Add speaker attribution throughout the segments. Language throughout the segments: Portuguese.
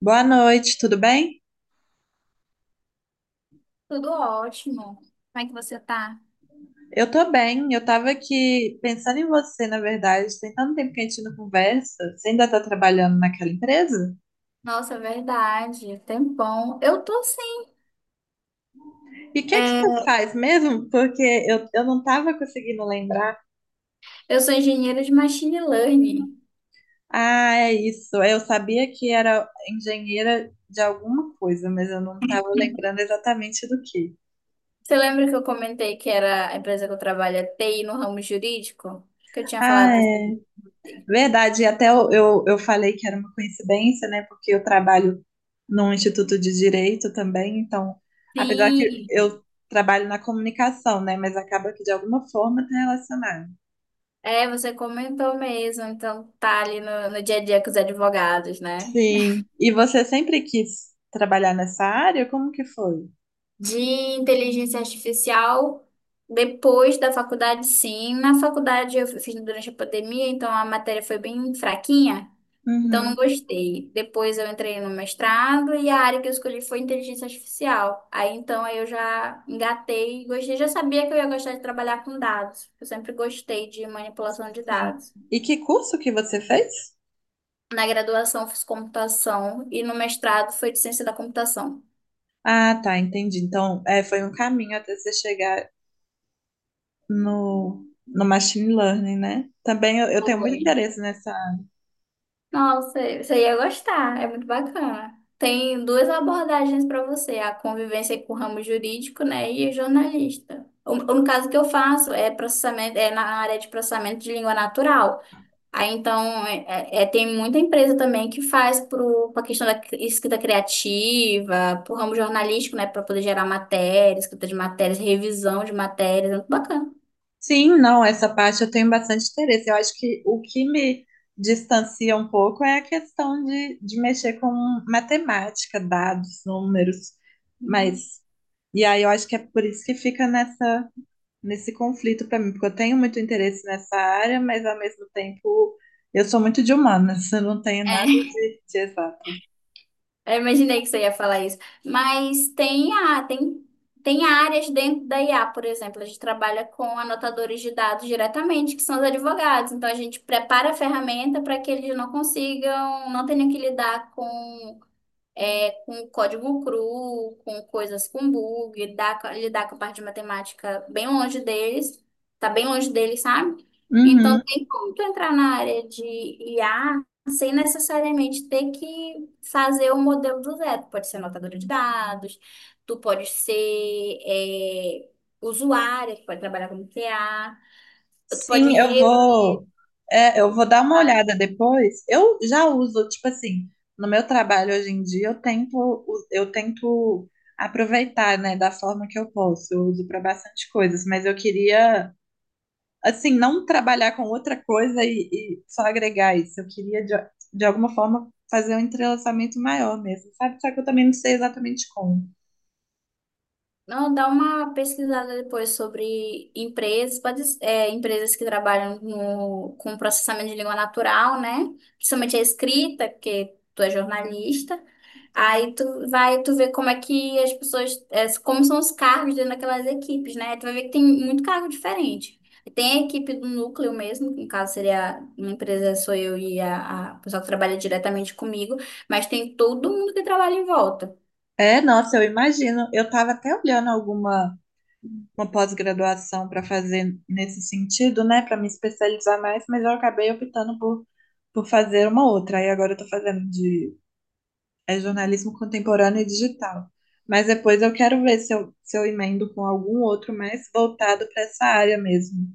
Speaker 1: Boa noite, tudo bem?
Speaker 2: Tudo ótimo. Como é que você tá?
Speaker 1: Eu tô bem, eu tava aqui pensando em você, na verdade. Tem tanto tempo que a gente não conversa. Você ainda tá trabalhando naquela empresa?
Speaker 2: Nossa, é verdade. Tempão. Eu tô sim.
Speaker 1: E o que é que você
Speaker 2: É,
Speaker 1: faz mesmo? Porque eu não tava conseguindo lembrar.
Speaker 2: eu sou engenheira de machine learning.
Speaker 1: Ah, é isso. Eu sabia que era engenheira de alguma coisa, mas eu não tava lembrando exatamente do que.
Speaker 2: Você lembra que eu comentei que era a empresa que eu trabalho é TI no ramo jurídico? Que eu tinha
Speaker 1: Ah,
Speaker 2: falado. Isso.
Speaker 1: verdade, e até eu falei que era uma coincidência, né? Porque eu trabalho num instituto de direito também, então, apesar que
Speaker 2: Sim.
Speaker 1: eu trabalho na comunicação, né? Mas acaba que de alguma forma está relacionado.
Speaker 2: É, você comentou mesmo. Então tá ali no dia a dia com os advogados, né?
Speaker 1: Sim. E você sempre quis trabalhar nessa área? Como que foi?
Speaker 2: De inteligência artificial depois da faculdade, sim. Na faculdade eu fiz durante a pandemia, então a matéria foi bem fraquinha, então não
Speaker 1: Uhum,
Speaker 2: gostei. Depois eu entrei no mestrado e a área que eu escolhi foi inteligência artificial. Aí eu já engatei e gostei, já sabia que eu ia gostar de trabalhar com dados. Eu sempre gostei de manipulação de
Speaker 1: sim.
Speaker 2: dados.
Speaker 1: E que curso que você fez?
Speaker 2: Na graduação eu fiz computação e no mestrado foi de ciência da computação.
Speaker 1: Ah, tá, entendi. Então, é, foi um caminho até você chegar no machine learning, né? Também eu tenho muito
Speaker 2: Foi.
Speaker 1: interesse nessa.
Speaker 2: Nossa, você ia gostar, é muito bacana. Tem duas abordagens para você, a convivência com o ramo jurídico, né, e o jornalista. No caso que eu faço é na área de processamento de língua natural. Aí então é, é- é, Tem muita empresa também que faz para a questão da escrita criativa, para o ramo jornalístico, né, para poder gerar matérias, escrita de matérias, revisão de matérias, é muito bacana.
Speaker 1: Sim, não, essa parte eu tenho bastante interesse. Eu acho que o que me distancia um pouco é a questão de mexer com matemática, dados, números.
Speaker 2: Uhum.
Speaker 1: Mas, e aí eu acho que é por isso que fica nessa, nesse conflito para mim, porque eu tenho muito interesse nessa área, mas ao mesmo tempo eu sou muito de humanas, eu não tenho nada
Speaker 2: É.
Speaker 1: de exato.
Speaker 2: Eu imaginei que você ia falar isso. Mas tem a, tem, Tem áreas dentro da IA, por exemplo, a gente trabalha com anotadores de dados diretamente, que são os advogados. Então a gente prepara a ferramenta para que eles não consigam, não tenham que lidar com com código cru, com coisas com bug, dá, lidar com a parte de matemática tá bem longe deles, sabe? Então,
Speaker 1: Uhum.
Speaker 2: tem como tu entrar na área de IA sem necessariamente ter que fazer o modelo do zero. Tu pode ser anotadora de dados, tu pode ser usuária, tu pode trabalhar como TA, tu pode
Speaker 1: Sim, eu
Speaker 2: revisar.
Speaker 1: vou, eu vou dar uma olhada depois. Eu já uso, tipo assim, no meu trabalho hoje em dia, eu tento, eu tento aproveitar, né, da forma que eu posso. Eu uso para bastante coisas, mas eu queria, assim, não trabalhar com outra coisa e só agregar isso. Eu queria, de alguma forma, fazer um entrelaçamento maior mesmo, sabe? Só que eu também não sei exatamente como.
Speaker 2: Não, dá uma pesquisada depois sobre empresas, pode, é, empresas que trabalham com processamento de língua natural, né? Principalmente a escrita, porque tu é jornalista. Aí tu vai, tu vê como é que as pessoas, é, como são os cargos dentro daquelas equipes, né? Tu vai ver que tem muito cargo diferente. Tem a equipe do núcleo mesmo, que no caso seria uma empresa, sou eu e a pessoa que trabalha diretamente comigo, mas tem todo mundo que trabalha em volta.
Speaker 1: É, nossa, eu imagino. Eu tava até olhando alguma. Uma pós-graduação para fazer nesse sentido, né, para me especializar mais, mas eu acabei optando por fazer uma outra. Aí agora eu estou fazendo de jornalismo contemporâneo e digital. Mas depois eu quero ver se eu, se eu emendo com algum outro mais voltado para essa área mesmo.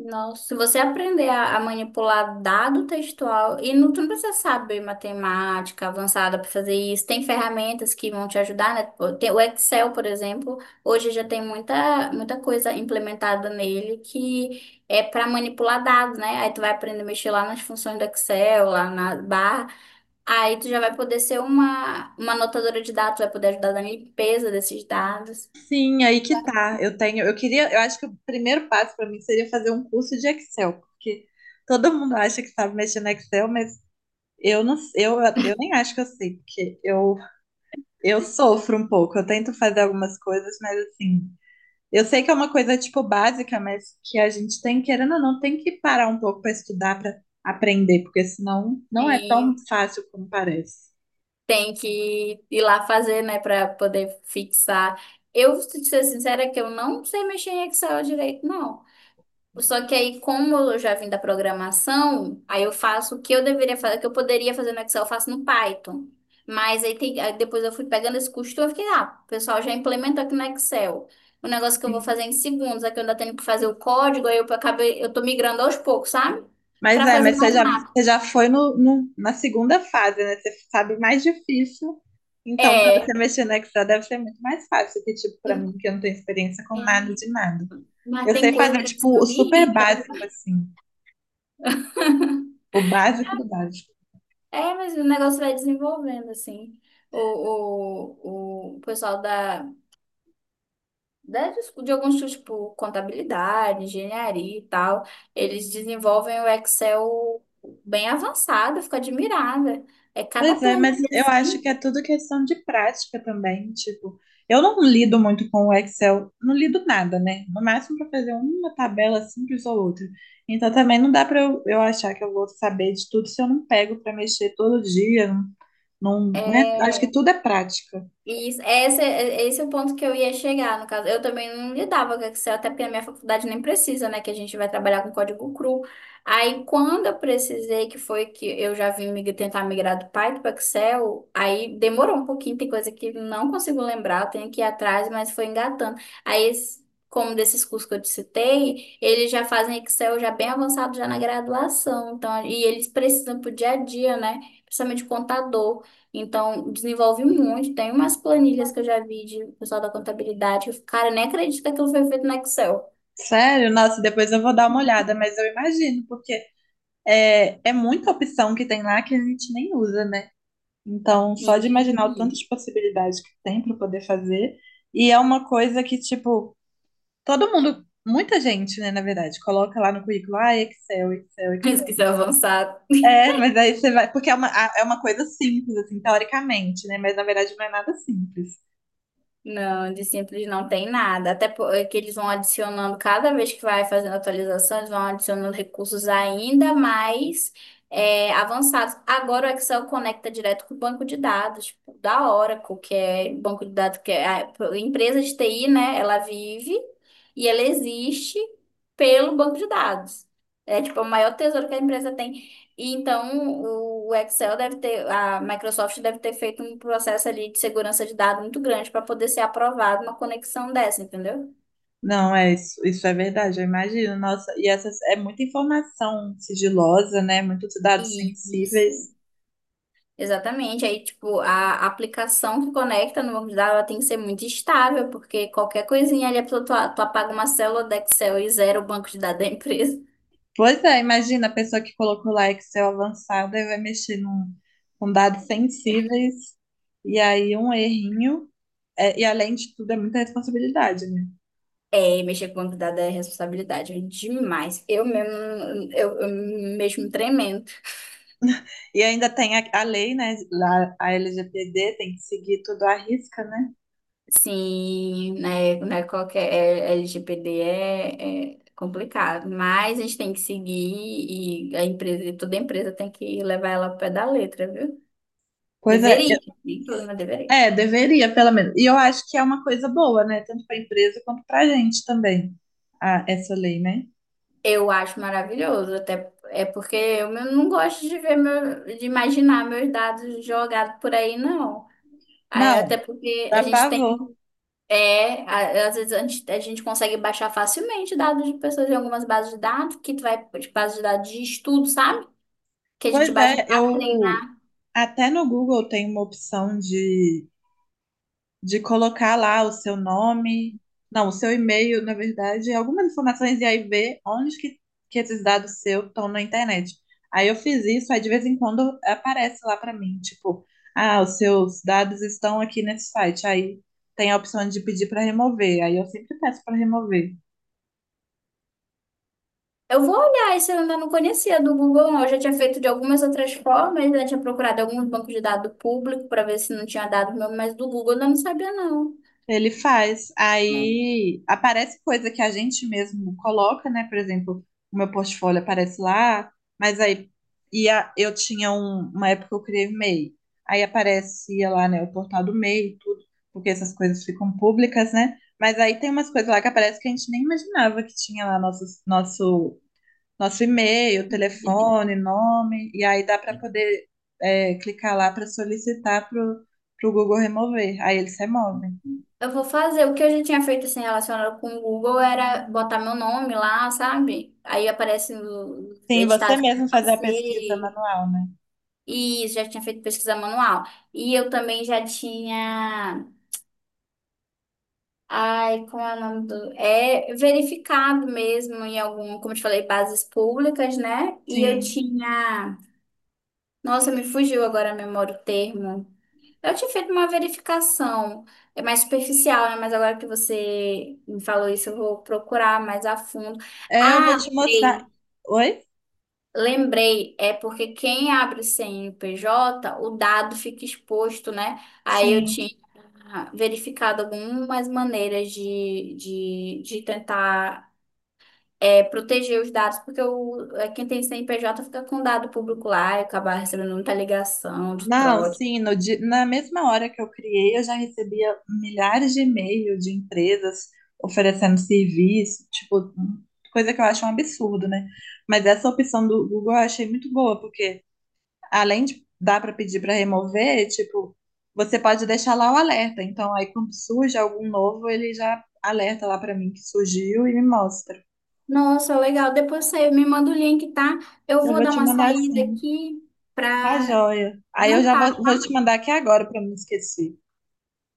Speaker 2: Nossa, se você aprender a manipular dado textual, e não, tu não precisa saber matemática avançada para fazer isso, tem ferramentas que vão te ajudar, né? Tipo, tem o Excel, por exemplo, hoje já tem muita coisa implementada nele que é para manipular dados, né? Aí tu vai aprender a mexer lá nas funções do Excel, lá na barra, aí tu já vai poder ser uma anotadora de dados, vai poder ajudar na limpeza desses dados.
Speaker 1: Sim, aí que tá. Eu tenho, eu queria, eu acho que o primeiro passo para mim seria fazer um curso de Excel, porque todo mundo acha que sabe mexer no Excel, mas eu não, eu, eu nem acho que eu sei, porque eu sofro um pouco, eu tento fazer algumas coisas, mas assim, eu sei que é uma coisa tipo básica, mas que a gente tem, querendo ou não, tem que parar um pouco para estudar, para aprender, porque senão não é tão
Speaker 2: Sim.
Speaker 1: fácil como parece.
Speaker 2: Tem que ir lá fazer, né, para poder fixar. Eu, se ser sincera, que eu não sei mexer em Excel direito, não. Só que aí, como eu já vim da programação, aí eu faço o que eu deveria fazer, o que eu poderia fazer no Excel, eu faço no Python. Mas aí, tem, aí depois eu fui pegando esse costume, eu fiquei, ah, o pessoal já implementou aqui no Excel. O negócio que eu vou
Speaker 1: Sim.
Speaker 2: fazer em segundos, aqui eu ainda tenho que fazer o código, aí eu acabei, eu tô migrando aos poucos, sabe?
Speaker 1: Mas
Speaker 2: Pra
Speaker 1: é,
Speaker 2: fazer
Speaker 1: mas
Speaker 2: mais rápido.
Speaker 1: você já foi na segunda fase, né? Você sabe mais difícil. Então, para você
Speaker 2: É.
Speaker 1: mexer no Excel deve ser muito mais fácil que, tipo, para mim, que eu não tenho experiência com
Speaker 2: É,
Speaker 1: nada de nada.
Speaker 2: mas
Speaker 1: Eu
Speaker 2: tem
Speaker 1: sei
Speaker 2: coisa
Speaker 1: fazer,
Speaker 2: que isso
Speaker 1: tipo, o
Speaker 2: me
Speaker 1: super
Speaker 2: irrita.
Speaker 1: básico, assim. O básico do básico.
Speaker 2: É, mas o negócio vai desenvolvendo, assim. O, o pessoal da, de alguns cursos, tipo, contabilidade, engenharia e tal, eles desenvolvem o Excel bem avançado, eu fico admirada. É cada
Speaker 1: Pois é, mas
Speaker 2: planilha,
Speaker 1: eu acho
Speaker 2: assim,
Speaker 1: que é tudo questão de prática também. Tipo, eu não lido muito com o Excel, não lido nada, né? No máximo para fazer uma tabela simples ou outra. Então também não dá para eu achar que eu vou saber de tudo se eu não pego para mexer todo dia. Né? Acho
Speaker 2: é
Speaker 1: que tudo é prática.
Speaker 2: isso, esse é o ponto que eu ia chegar, no caso. Eu também não lidava com Excel, até porque a minha faculdade nem precisa, né? Que a gente vai trabalhar com código cru. Aí, quando eu precisei, que foi que eu já vim tentar migrar do Python para Excel, aí demorou um pouquinho, tem coisa que não consigo lembrar, eu tenho que ir atrás, mas foi engatando. Como desses cursos que eu te citei, eles já fazem Excel já bem avançado, já na graduação. Então, e eles precisam pro dia a dia, né? Principalmente contador. Então, desenvolve muito. Tem umas planilhas que eu já vi de pessoal da contabilidade, que eu fico, cara, nem acredita que aquilo foi feito no Excel.
Speaker 1: Sério, nossa, depois eu vou dar uma olhada, mas eu imagino, porque é, é muita opção que tem lá que a gente nem usa, né? Então, só de imaginar o
Speaker 2: Sim.
Speaker 1: tantas possibilidades que tem para poder fazer, e é uma coisa que, tipo, todo mundo, muita gente, né, na verdade, coloca lá no currículo, ah, Excel, Excel,
Speaker 2: Mas que isso
Speaker 1: Excel.
Speaker 2: é avançado.
Speaker 1: É, mas aí você vai, porque é uma, é uma coisa simples, assim, teoricamente, né, mas na verdade não é nada simples.
Speaker 2: Não, de simples não tem nada. Até porque eles vão adicionando, cada vez que vai fazendo atualização, eles vão adicionando recursos ainda mais avançados. Agora o Excel conecta direto com o banco de dados, tipo, da Oracle, que é banco de dados, que é a empresa de TI, né? Ela vive e ela existe pelo banco de dados. É tipo é o maior tesouro que a empresa tem e então o Excel deve ter, a Microsoft deve ter feito um processo ali de segurança de dados muito grande para poder ser aprovado uma conexão dessa, entendeu?
Speaker 1: Não, é isso, isso é verdade, eu imagino, nossa, e essa é muita informação sigilosa, né, muitos dados
Speaker 2: E
Speaker 1: sensíveis.
Speaker 2: isso. Exatamente. Aí, tipo, a aplicação que conecta no banco de dados ela tem que ser muito estável, porque qualquer coisinha ali, a pessoa, tu apaga uma célula do Excel e zera o banco de dados da empresa.
Speaker 1: Pois é, imagina a pessoa que colocou lá Excel avançado e vai mexer num, com dados sensíveis e aí um errinho. É, e além de tudo, é muita responsabilidade, né?
Speaker 2: É, mexer com banco de dados é responsabilidade demais. Eu mesmo, eu mesmo tremendo.
Speaker 1: E ainda tem a lei, né? Lá, a LGPD, tem que seguir tudo à risca, né?
Speaker 2: Sim, qualquer é, LGPD é, é complicado, mas a gente tem que seguir e a empresa, toda empresa tem que levar ela ao pé da letra, viu?
Speaker 1: Pois é,
Speaker 2: Deveria, nem tudo, mas deveria.
Speaker 1: é, deveria, pelo menos. E eu acho que é uma coisa boa, né? Tanto para a empresa quanto para a gente também, a, essa lei, né?
Speaker 2: Eu acho maravilhoso, até é porque não gosto de ver meu, de imaginar meus dados jogados por aí, não. Aí,
Speaker 1: Não,
Speaker 2: até porque a
Speaker 1: dá
Speaker 2: gente
Speaker 1: pavor.
Speaker 2: tem, às vezes a gente consegue baixar facilmente dados de pessoas em algumas bases de dados, que tu vai, tipo, bases de dados de estudo, sabe? Que a gente
Speaker 1: Pois
Speaker 2: baixa
Speaker 1: é,
Speaker 2: pra, né?
Speaker 1: eu até no Google tem uma opção de colocar lá o seu nome, não, o seu e-mail, na verdade, algumas informações e aí ver onde que esses dados seus estão na internet. Aí eu fiz isso, aí de vez em quando aparece lá para mim, tipo, ah, os seus dados estão aqui nesse site. Aí tem a opção de pedir para remover. Aí eu sempre peço para remover.
Speaker 2: Eu vou olhar, esse eu ainda não conhecia do Google, não. Eu já tinha feito de algumas outras formas, né? Tinha procurado alguns bancos de dados público para ver se não tinha dado meu, mas do Google eu não sabia, não.
Speaker 1: Ele faz. Aí aparece coisa que a gente mesmo coloca, né? Por exemplo, o meu portfólio aparece lá, mas aí ia, eu tinha uma época que eu criei o MEI. Aí aparecia lá, né, o portal do MEI e tudo, porque essas coisas ficam públicas, né? Mas aí tem umas coisas lá que aparece que a gente nem imaginava que tinha lá nosso, nosso, nosso e-mail, telefone, nome, e aí dá para poder clicar lá para solicitar para o Google remover. Aí eles removem.
Speaker 2: Eu vou fazer. O que eu já tinha feito assim relacionado com o Google era botar meu nome lá, sabe? Aí aparece os
Speaker 1: Sim, você
Speaker 2: editados que eu
Speaker 1: mesmo fazer a pesquisa
Speaker 2: passei.
Speaker 1: manual, né?
Speaker 2: E isso, já tinha feito pesquisa manual. E eu também já tinha. Ai, como é o nome do... É verificado mesmo em algum, como eu te falei, bases públicas, né? E eu
Speaker 1: Sim.
Speaker 2: tinha... Nossa, me fugiu agora a memória o termo. Eu tinha feito uma verificação, é mais superficial, né? Mas agora que você me falou isso, eu vou procurar mais a fundo.
Speaker 1: É, eu vou
Speaker 2: Ah,
Speaker 1: te mostrar.
Speaker 2: lembrei.
Speaker 1: Oi?
Speaker 2: Lembrei, é porque quem abre o CNPJ o dado fica exposto, né? Aí eu
Speaker 1: Sim.
Speaker 2: tinha verificado algumas maneiras de tentar proteger os dados, porque quem tem CNPJ fica com dado público lá e acaba recebendo muita ligação de
Speaker 1: Não,
Speaker 2: trote.
Speaker 1: sim, no di- na mesma hora que eu criei, eu já recebia milhares de e-mails de empresas oferecendo serviço, tipo, coisa que eu acho um absurdo, né? Mas essa opção do Google eu achei muito boa, porque além de dar para pedir para remover, tipo, você pode deixar lá o alerta. Então, aí quando surge algum novo, ele já alerta lá para mim que surgiu e me mostra.
Speaker 2: Nossa, legal. Depois você me manda o link, tá? Eu
Speaker 1: Eu
Speaker 2: vou
Speaker 1: vou
Speaker 2: dar
Speaker 1: te
Speaker 2: uma
Speaker 1: mandar
Speaker 2: saída
Speaker 1: sim.
Speaker 2: aqui
Speaker 1: Tá
Speaker 2: para
Speaker 1: joia. Aí eu já
Speaker 2: jantar.
Speaker 1: vou, vou te mandar aqui agora para não esquecer.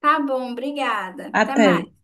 Speaker 2: Tá bom, obrigada. Até
Speaker 1: Até.
Speaker 2: mais.